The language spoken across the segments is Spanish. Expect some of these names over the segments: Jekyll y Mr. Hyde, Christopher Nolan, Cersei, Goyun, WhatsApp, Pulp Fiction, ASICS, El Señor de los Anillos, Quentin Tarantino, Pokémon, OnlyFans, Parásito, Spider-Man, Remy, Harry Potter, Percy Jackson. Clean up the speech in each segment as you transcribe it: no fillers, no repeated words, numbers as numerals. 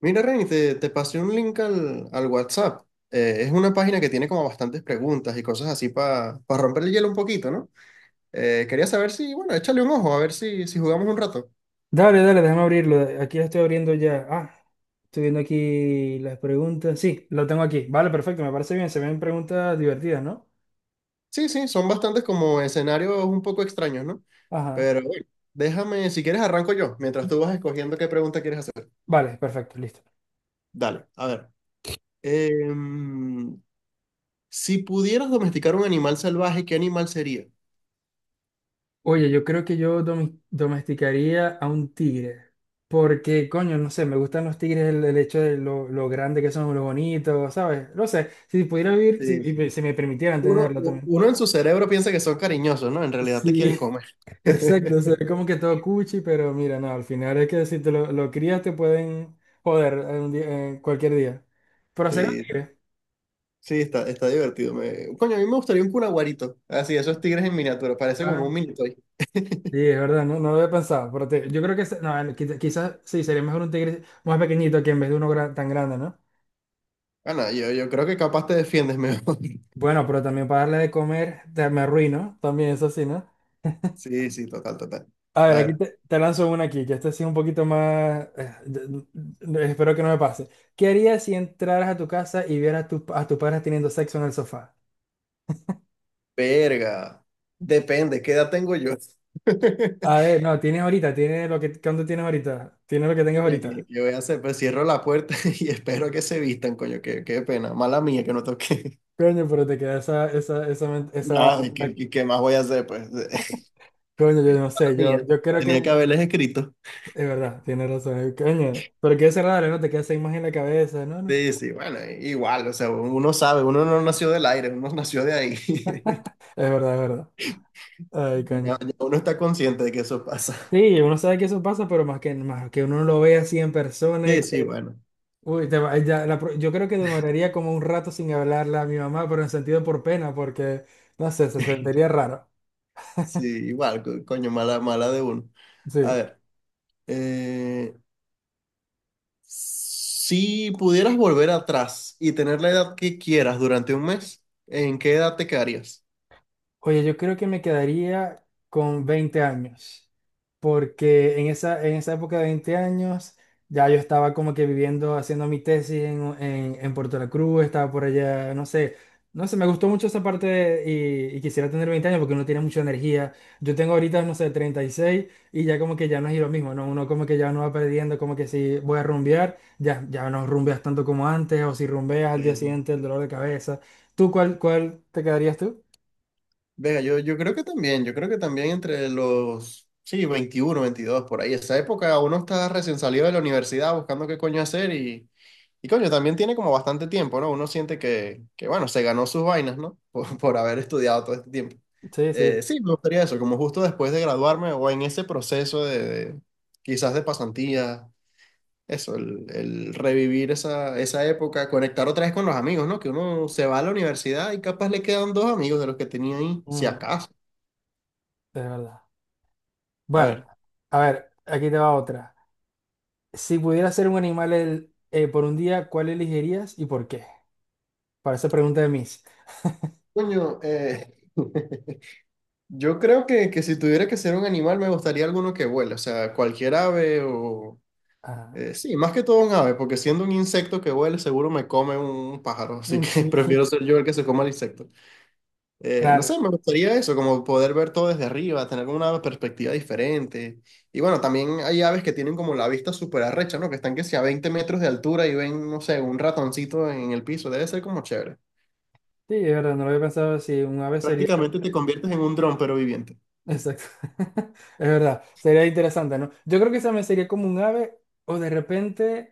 Mira, Reni, te pasé un link al WhatsApp. Es una página que tiene como bastantes preguntas y cosas así para romper el hielo un poquito, ¿no? Quería saber si, bueno, échale un ojo, a ver si jugamos un rato. Dale, dale, déjame abrirlo. Aquí lo estoy abriendo ya. Ah, estoy viendo aquí las preguntas. Sí, lo tengo aquí. Vale, perfecto, me parece bien. Se ven preguntas divertidas, ¿no? Sí, sí, son bastantes como escenarios un poco extraños, ¿no? Ajá. Pero bueno, déjame, si quieres arranco yo, mientras tú vas escogiendo qué pregunta quieres hacer. Vale, perfecto, listo. Dale, a ver. Em, si pudieras domesticar un animal salvaje, ¿qué animal sería? Oye, yo creo que yo domesticaría a un tigre. Porque, coño, no sé, me gustan los tigres el hecho de lo grande que son, lo bonitos, ¿sabes? No sé, si pudiera vivir, Sí. y si me permitieran tenerlo también. Uno en su cerebro piensa que son cariñosos, ¿no? En realidad te Sí, quieren comer. exacto, se ve como que todo cuchi, pero mira, no, al final es que si te lo crías te pueden joder cualquier día. Pero sería un Sí, tigre. sí, está divertido. Coño, a mí me gustaría un cunaguarito. Así, esos tigres en miniatura. Parece como Ah, un mini toy. sí, es verdad, no lo había pensado. Yo creo que no, quizás sí, sería mejor un tigre más pequeñito que en vez de uno tan grande, ¿no? Ah, no, yo creo que capaz te defiendes mejor. Bueno, pero también para darle de comer me arruino, también eso sí, ¿no? Sí, sí, total, total. A ver, A aquí ver, te lanzo una aquí, que esta sí es un poquito más, espero que no me pase. ¿Qué harías si entraras a tu casa y vieras a tus padres teniendo sexo en el sofá? verga. Depende, ¿qué edad tengo yo? A ver, no, tienes ahorita, tienes lo que, ¿cuánto tienes ahorita? Tienes lo que tengas Coño, ¿qué, ahorita. qué voy a hacer? Pues cierro la puerta y espero que se vistan, coño, qué pena. Mala mía que no toqué. Coño, pero te queda esa, No, ¿qué más voy a hacer? Pues mala coño, yo no sé, yo, mía. yo creo que, Tenía que me- haberles escrito. es verdad, tienes razón, coño, pero qué raro, ¿no? Te queda esa imagen en la cabeza, no, no, Sí, sí, bueno, igual, o sea, uno sabe, uno no nació del aire, uno nació de ahí. Es verdad, ay, Ya, coño. ya uno está consciente de que eso pasa. Sí, uno sabe que eso pasa, pero más que uno lo ve así en persona y Sí, sí, que, bueno. uy, ya, yo creo que demoraría como un rato sin hablarle a mi mamá, pero en sentido por pena, porque, no sé, se sentiría raro, Sí, igual, coño, mala, mala de uno. A sí. ver, eh, si pudieras volver atrás y tener la edad que quieras durante un mes, ¿en qué edad te quedarías? Oye, yo creo que me quedaría con 20 años, porque en esa época de 20 años ya yo estaba como que viviendo, haciendo mi tesis en, Puerto La Cruz, estaba por allá, no sé, no sé, me gustó mucho esa parte y quisiera tener 20 años porque uno tiene mucha energía. Yo tengo ahorita, no sé, 36 y seis y ya como que ya no es lo mismo, ¿no? Uno como que ya no va perdiendo, como que si voy a rumbear, ya no rumbeas tanto como antes, o si rumbeas al día Sí, sí. siguiente el dolor de cabeza. ¿Tú cuál, cuál te quedarías tú? Venga, yo creo que también, entre los, sí, 21 22 por ahí, esa época uno está recién salido de la universidad buscando qué coño hacer y, coño, también tiene como bastante tiempo, ¿no? Uno siente que, bueno, se ganó sus vainas, ¿no? Por haber estudiado todo este tiempo. Sí, sí. Sí, me gustaría eso, como justo después de graduarme o en ese proceso de, de- quizás de pasantía eso, el revivir esa época, conectar otra vez con los amigos, ¿no? Que uno se va a la universidad y capaz le quedan dos amigos de los que tenía ahí, si Mm, acaso. es verdad. A Bueno, ver. a ver, aquí te va otra. Si pudieras ser un animal por un día, ¿cuál elegirías y por qué? Para esa pregunta de mis. Coño, yo creo que, si tuviera que ser un animal, me gustaría alguno que vuele, o sea, cualquier ave o... Ah, sí, más que todo un ave, porque siendo un insecto que vuele, seguro me come un pájaro, así mm, que sí. prefiero ser yo el que se coma el insecto. No Claro, sé, me gustaría eso, como poder ver todo desde arriba, tener como una perspectiva diferente. Y bueno, también hay aves que tienen como la vista súper arrecha, ¿no? Que están que sea a 20 metros de altura y ven, no sé, un ratoncito en el piso. Debe ser como chévere. sí, es verdad, no lo había pensado si un ave sería. Prácticamente te conviertes en un dron, pero viviente. Exacto. Es verdad, sería interesante, ¿no? Yo creo que esa me sería como un ave o de repente.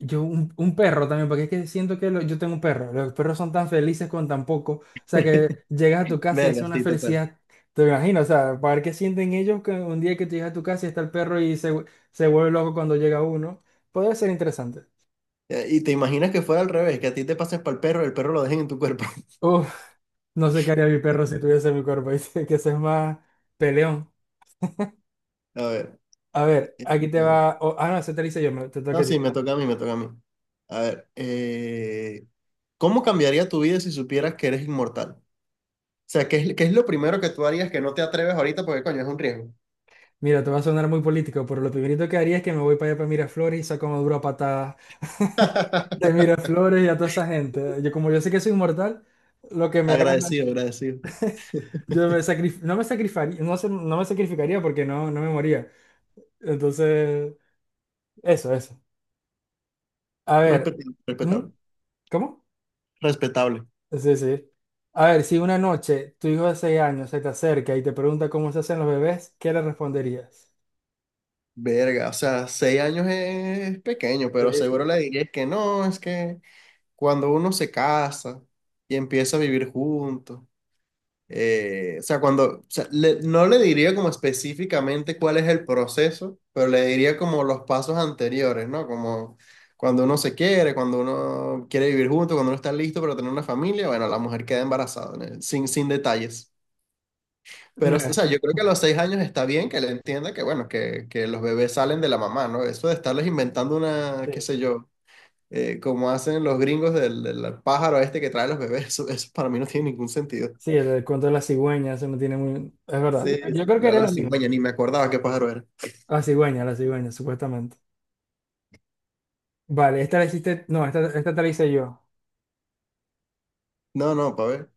Un perro también, porque es que siento que yo tengo un perro. Los perros son tan felices con tan poco. O sea, que llegas a tu casa y es Verga, una sí, total. felicidad. Te imagino, o sea, para ver qué sienten ellos que un día que te llegas a tu casa y está el perro y se vuelve loco cuando llega uno. Podría ser interesante. Y te imaginas que fuera al revés, que a ti te pases para el perro lo dejen en tu cuerpo. Uf, no sé qué haría mi perro si tuviese mi cuerpo. Dice que ese es más peleón. A ver. A ver, aquí te eh, va. No, ese te lo hice yo, te toca No, a ti. sí, me toca a mí, me toca a mí. A ver. ¿Cómo cambiaría tu vida si supieras que eres inmortal? ¿Qué es, qué es lo primero que tú harías que no te atreves ahorita? Porque, coño, es un riesgo. Mira, te va a sonar muy político, pero lo primerito que haría es que me voy para allá para Miraflores y saco una dura patada de Miraflores y a toda esa gente. Yo, como yo sé que soy inmortal, lo que me hagan, Agradecido, agradecido. yo no me sacrificaría, no, no me sacrificaría porque no, no me moría. Entonces, eso, eso. A ver, Respetable, ¿mm? respetable. ¿Cómo? Respetable. Sí, sí. A ver, si una noche tu hijo de 6 años se te acerca y te pregunta cómo se hacen los bebés, ¿qué le responderías? Verga, o sea, seis años es pequeño, Sí, pero seguro sí. le dirías que no, es que cuando uno se casa y empieza a vivir juntos. O sea, cuando, o sea, no le diría como específicamente cuál es el proceso, pero le diría como los pasos anteriores, ¿no? Como cuando uno se quiere, cuando uno quiere vivir junto, cuando uno está listo para tener una familia, bueno, la mujer queda embarazada, ¿no? Sin detalles. Pero, o sea, yo creo que a los seis años está bien que le entienda que, bueno, que los bebés salen de la mamá, ¿no? Eso de estarles inventando una, qué Sí. sé yo, como hacen los gringos del pájaro este que trae los bebés, eso para mí no tiene ningún sentido. Sí, el cuento de la cigüeña, eso no tiene muy. Es verdad, Sí, yo sí, creo que la, era la lo mismo. cigüeña, ni me acordaba qué pájaro era. La cigüeña, supuestamente. Vale, esta la hiciste. No, esta te la hice yo. No, no, para ver,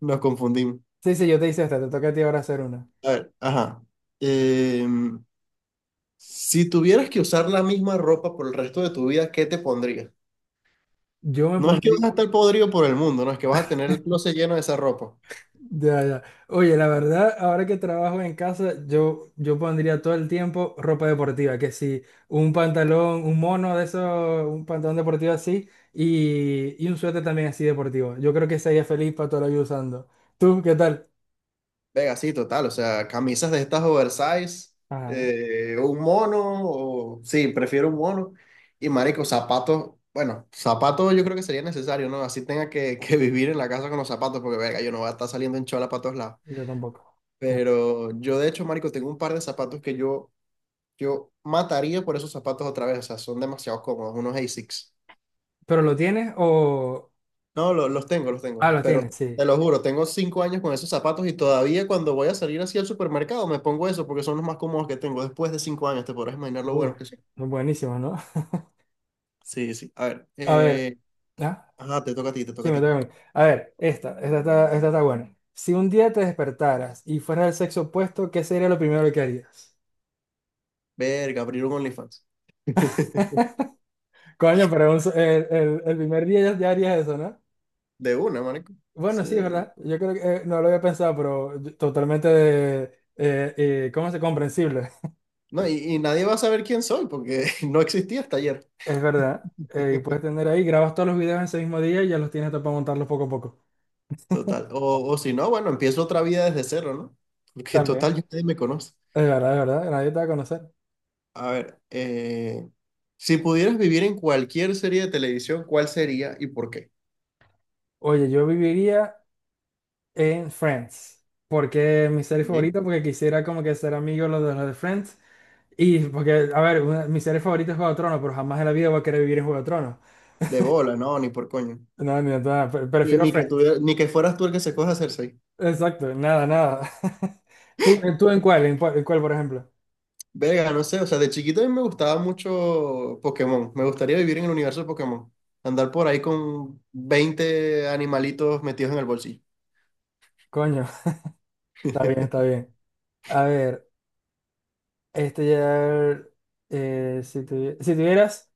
nos confundimos. Sí, sí, yo te hice esta, te toca a ti ahora hacer una. A ver, ajá. Em, si tuvieras que usar la misma ropa por el resto de tu vida, ¿qué te pondrías? Yo me No es que vas pondría. a estar podrido por el mundo, no es que vas a tener el closet lleno de esa ropa. Ya, ya. Oye, la verdad, ahora que trabajo en casa, yo pondría todo el tiempo ropa deportiva, que si un pantalón, un mono de esos, un pantalón deportivo así, y un suéter también así deportivo. Yo creo que sería feliz para toda la vida usando. ¿Tú qué tal? Venga, sí, total, o sea, camisas de estas oversize, Ajá, un mono, sí, prefiero un mono, y marico, zapatos, bueno, zapatos yo creo que sería necesario, ¿no? Así tenga que, que vivir en la casa con los zapatos, porque venga, yo no voy a estar saliendo en chola para todos lados, yo tampoco. pero yo de hecho, marico, tengo un par de zapatos que yo mataría por esos zapatos otra vez, o sea, son demasiado cómodos, unos ASICS. ¿Pero lo tienes o? No, los tengo, los Ah, tengo. lo Pero tienes, sí. te lo juro, tengo cinco años con esos zapatos y todavía cuando voy a salir así al supermercado me pongo eso porque son los más cómodos que tengo. Después de cinco años, te podrás imaginar lo Uh, buenos que son. Buenísimo, ¿no? Sí, sí. A ver. A ver, ¿ah? Ajá, te toca a ti, te toca Sí, a me ti. toca a mí. A ver, esta está buena. Si un día te despertaras y fueras del sexo opuesto, ¿qué sería lo primero que harías? Verga, abrir un OnlyFans. Coño, pero el primer día ya harías eso, ¿no? De una, marico. Bueno, Sí. sí, es verdad. Yo creo que no lo había pensado, pero totalmente ¿cómo se comprensible? No, y nadie va a saber quién soy porque no existía hasta ayer. Es verdad. Y puedes tener ahí, grabas todos los videos en ese mismo día y ya los tienes todo para montarlos poco a poco. Total. O si no, bueno, empiezo otra vida desde cero, ¿no? Porque total, También. ya nadie me conoce. Es verdad, nadie te va a conocer. A ver, si pudieras vivir en cualquier serie de televisión, ¿cuál sería y por qué? Oye, yo viviría en Friends, porque es mi serie ¿Sí? favorita, porque quisiera como que ser amigo de los de Friends, y porque, a ver, mi serie favorita es Juego de Tronos, pero jamás en la vida voy a querer vivir en Juego de Tronos. De bola, no, ni por coño. No, ni de nada, Ni, prefiero ni que Friends. tuviera- ni que fueras tú el que se coja a Cersei. Exacto, nada, nada. ¿Tú en cuál, por ejemplo? Verga, no sé, o sea, de chiquito a mí me gustaba mucho Pokémon. Me gustaría vivir en el universo de Pokémon. Andar por ahí con 20 animalitos metidos en el bolsillo. Coño, está bien, está bien. A ver, este ya, si tuvieras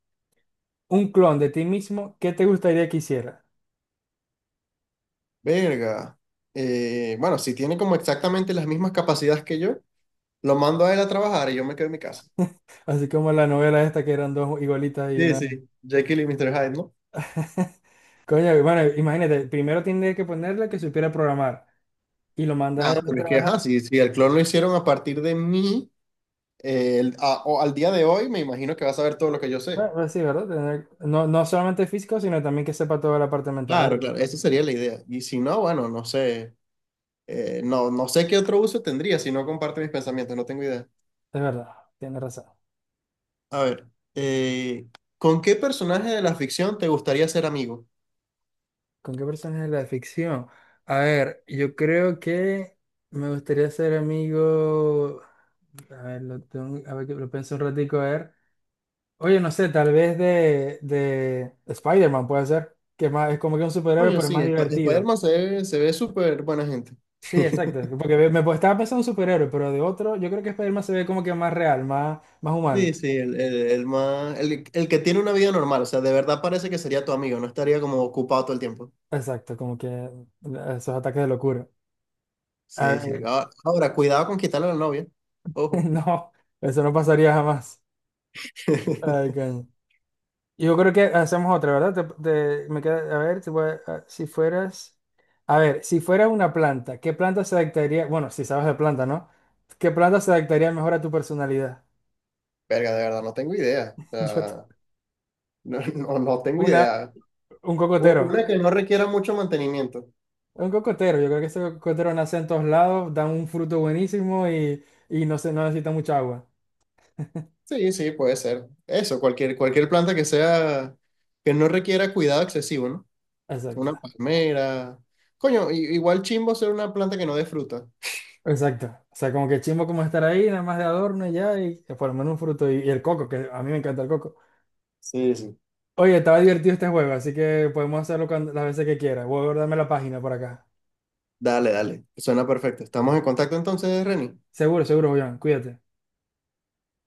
un clon de ti mismo, ¿qué te gustaría que hiciera? Verga. Bueno, si tiene como exactamente las mismas capacidades que yo, lo mando a él a trabajar y yo me quedo en mi casa. Así como la novela esta que eran dos igualitas y Sí, una. sí, Jekyll y Mr. Hyde, ¿no? Coño, bueno, imagínate, primero tiene que ponerle que supiera programar y lo mandas a él Nada, a pero es que, trabajar. ajá, si el clon lo hicieron a partir de mí, o al día de hoy, me imagino que vas a ver todo lo que yo sé. Bueno, pues sí, ¿verdad? No, no solamente físico, sino también que sepa toda la parte mental. Claro, claro, esa sería la idea. Y si no, bueno, no sé, no sé qué otro uso tendría si no comparte mis pensamientos, no tengo idea. Es verdad, tienes razón. A ver, eh, ¿con qué personaje de la ficción te gustaría ser amigo? ¿Con qué personaje de la ficción? A ver, yo creo que me gustaría ser amigo. A ver, a ver, que lo pienso un ratico, a ver. Oye, no sé, tal vez de Spider-Man puede ser, que es más, es como que un superhéroe, Coño, pero es sí, más divertido. Spider-Man se ve súper buena gente. Sí, exacto, porque pues, estaba pensando en superhéroe, pero de otro, yo creo que Spider-Man se ve como que más real, más Sí, humano. sí, el más, el que tiene una vida normal, o sea, de verdad parece que sería tu amigo, no estaría como ocupado todo el tiempo. Exacto, como que esos ataques de locura. A Sí, sí. ver, Ah, ahora, cuidado con quitarle a la novia. Ojo. no, eso no pasaría jamás. Ay, coño. Yo creo que hacemos otra, ¿verdad? A ver, si fueras, si fueras una planta, ¿qué planta se adaptaría? Bueno, si sabes de planta, ¿no? ¿Qué planta se adaptaría mejor a tu personalidad? Verga, de verdad, no tengo idea. O Yo te- sea, no, no, no tengo una, idea. un cocotero, Una que no requiera mucho mantenimiento. un cocotero. Yo creo que ese cocotero nace en todos lados, da un fruto buenísimo y no necesita mucha agua. Sí, sí, puede ser. Eso, cualquier planta que sea, que no requiera cuidado excesivo, ¿no? Exacto, Una palmera. Coño, igual chimbo ser una planta que no dé fruta. exacto. O sea, como que chimbo como estar ahí, nada más de adorno y ya, por lo menos un fruto y el coco, que a mí me encanta el coco. Sí, sí. Oye, estaba divertido este juego, así que podemos hacerlo las veces que quieras. Voy a guardarme la página por acá. Dale, dale. Suena perfecto. Estamos en contacto entonces, Reni. Seguro, seguro, Julián. Cuídate.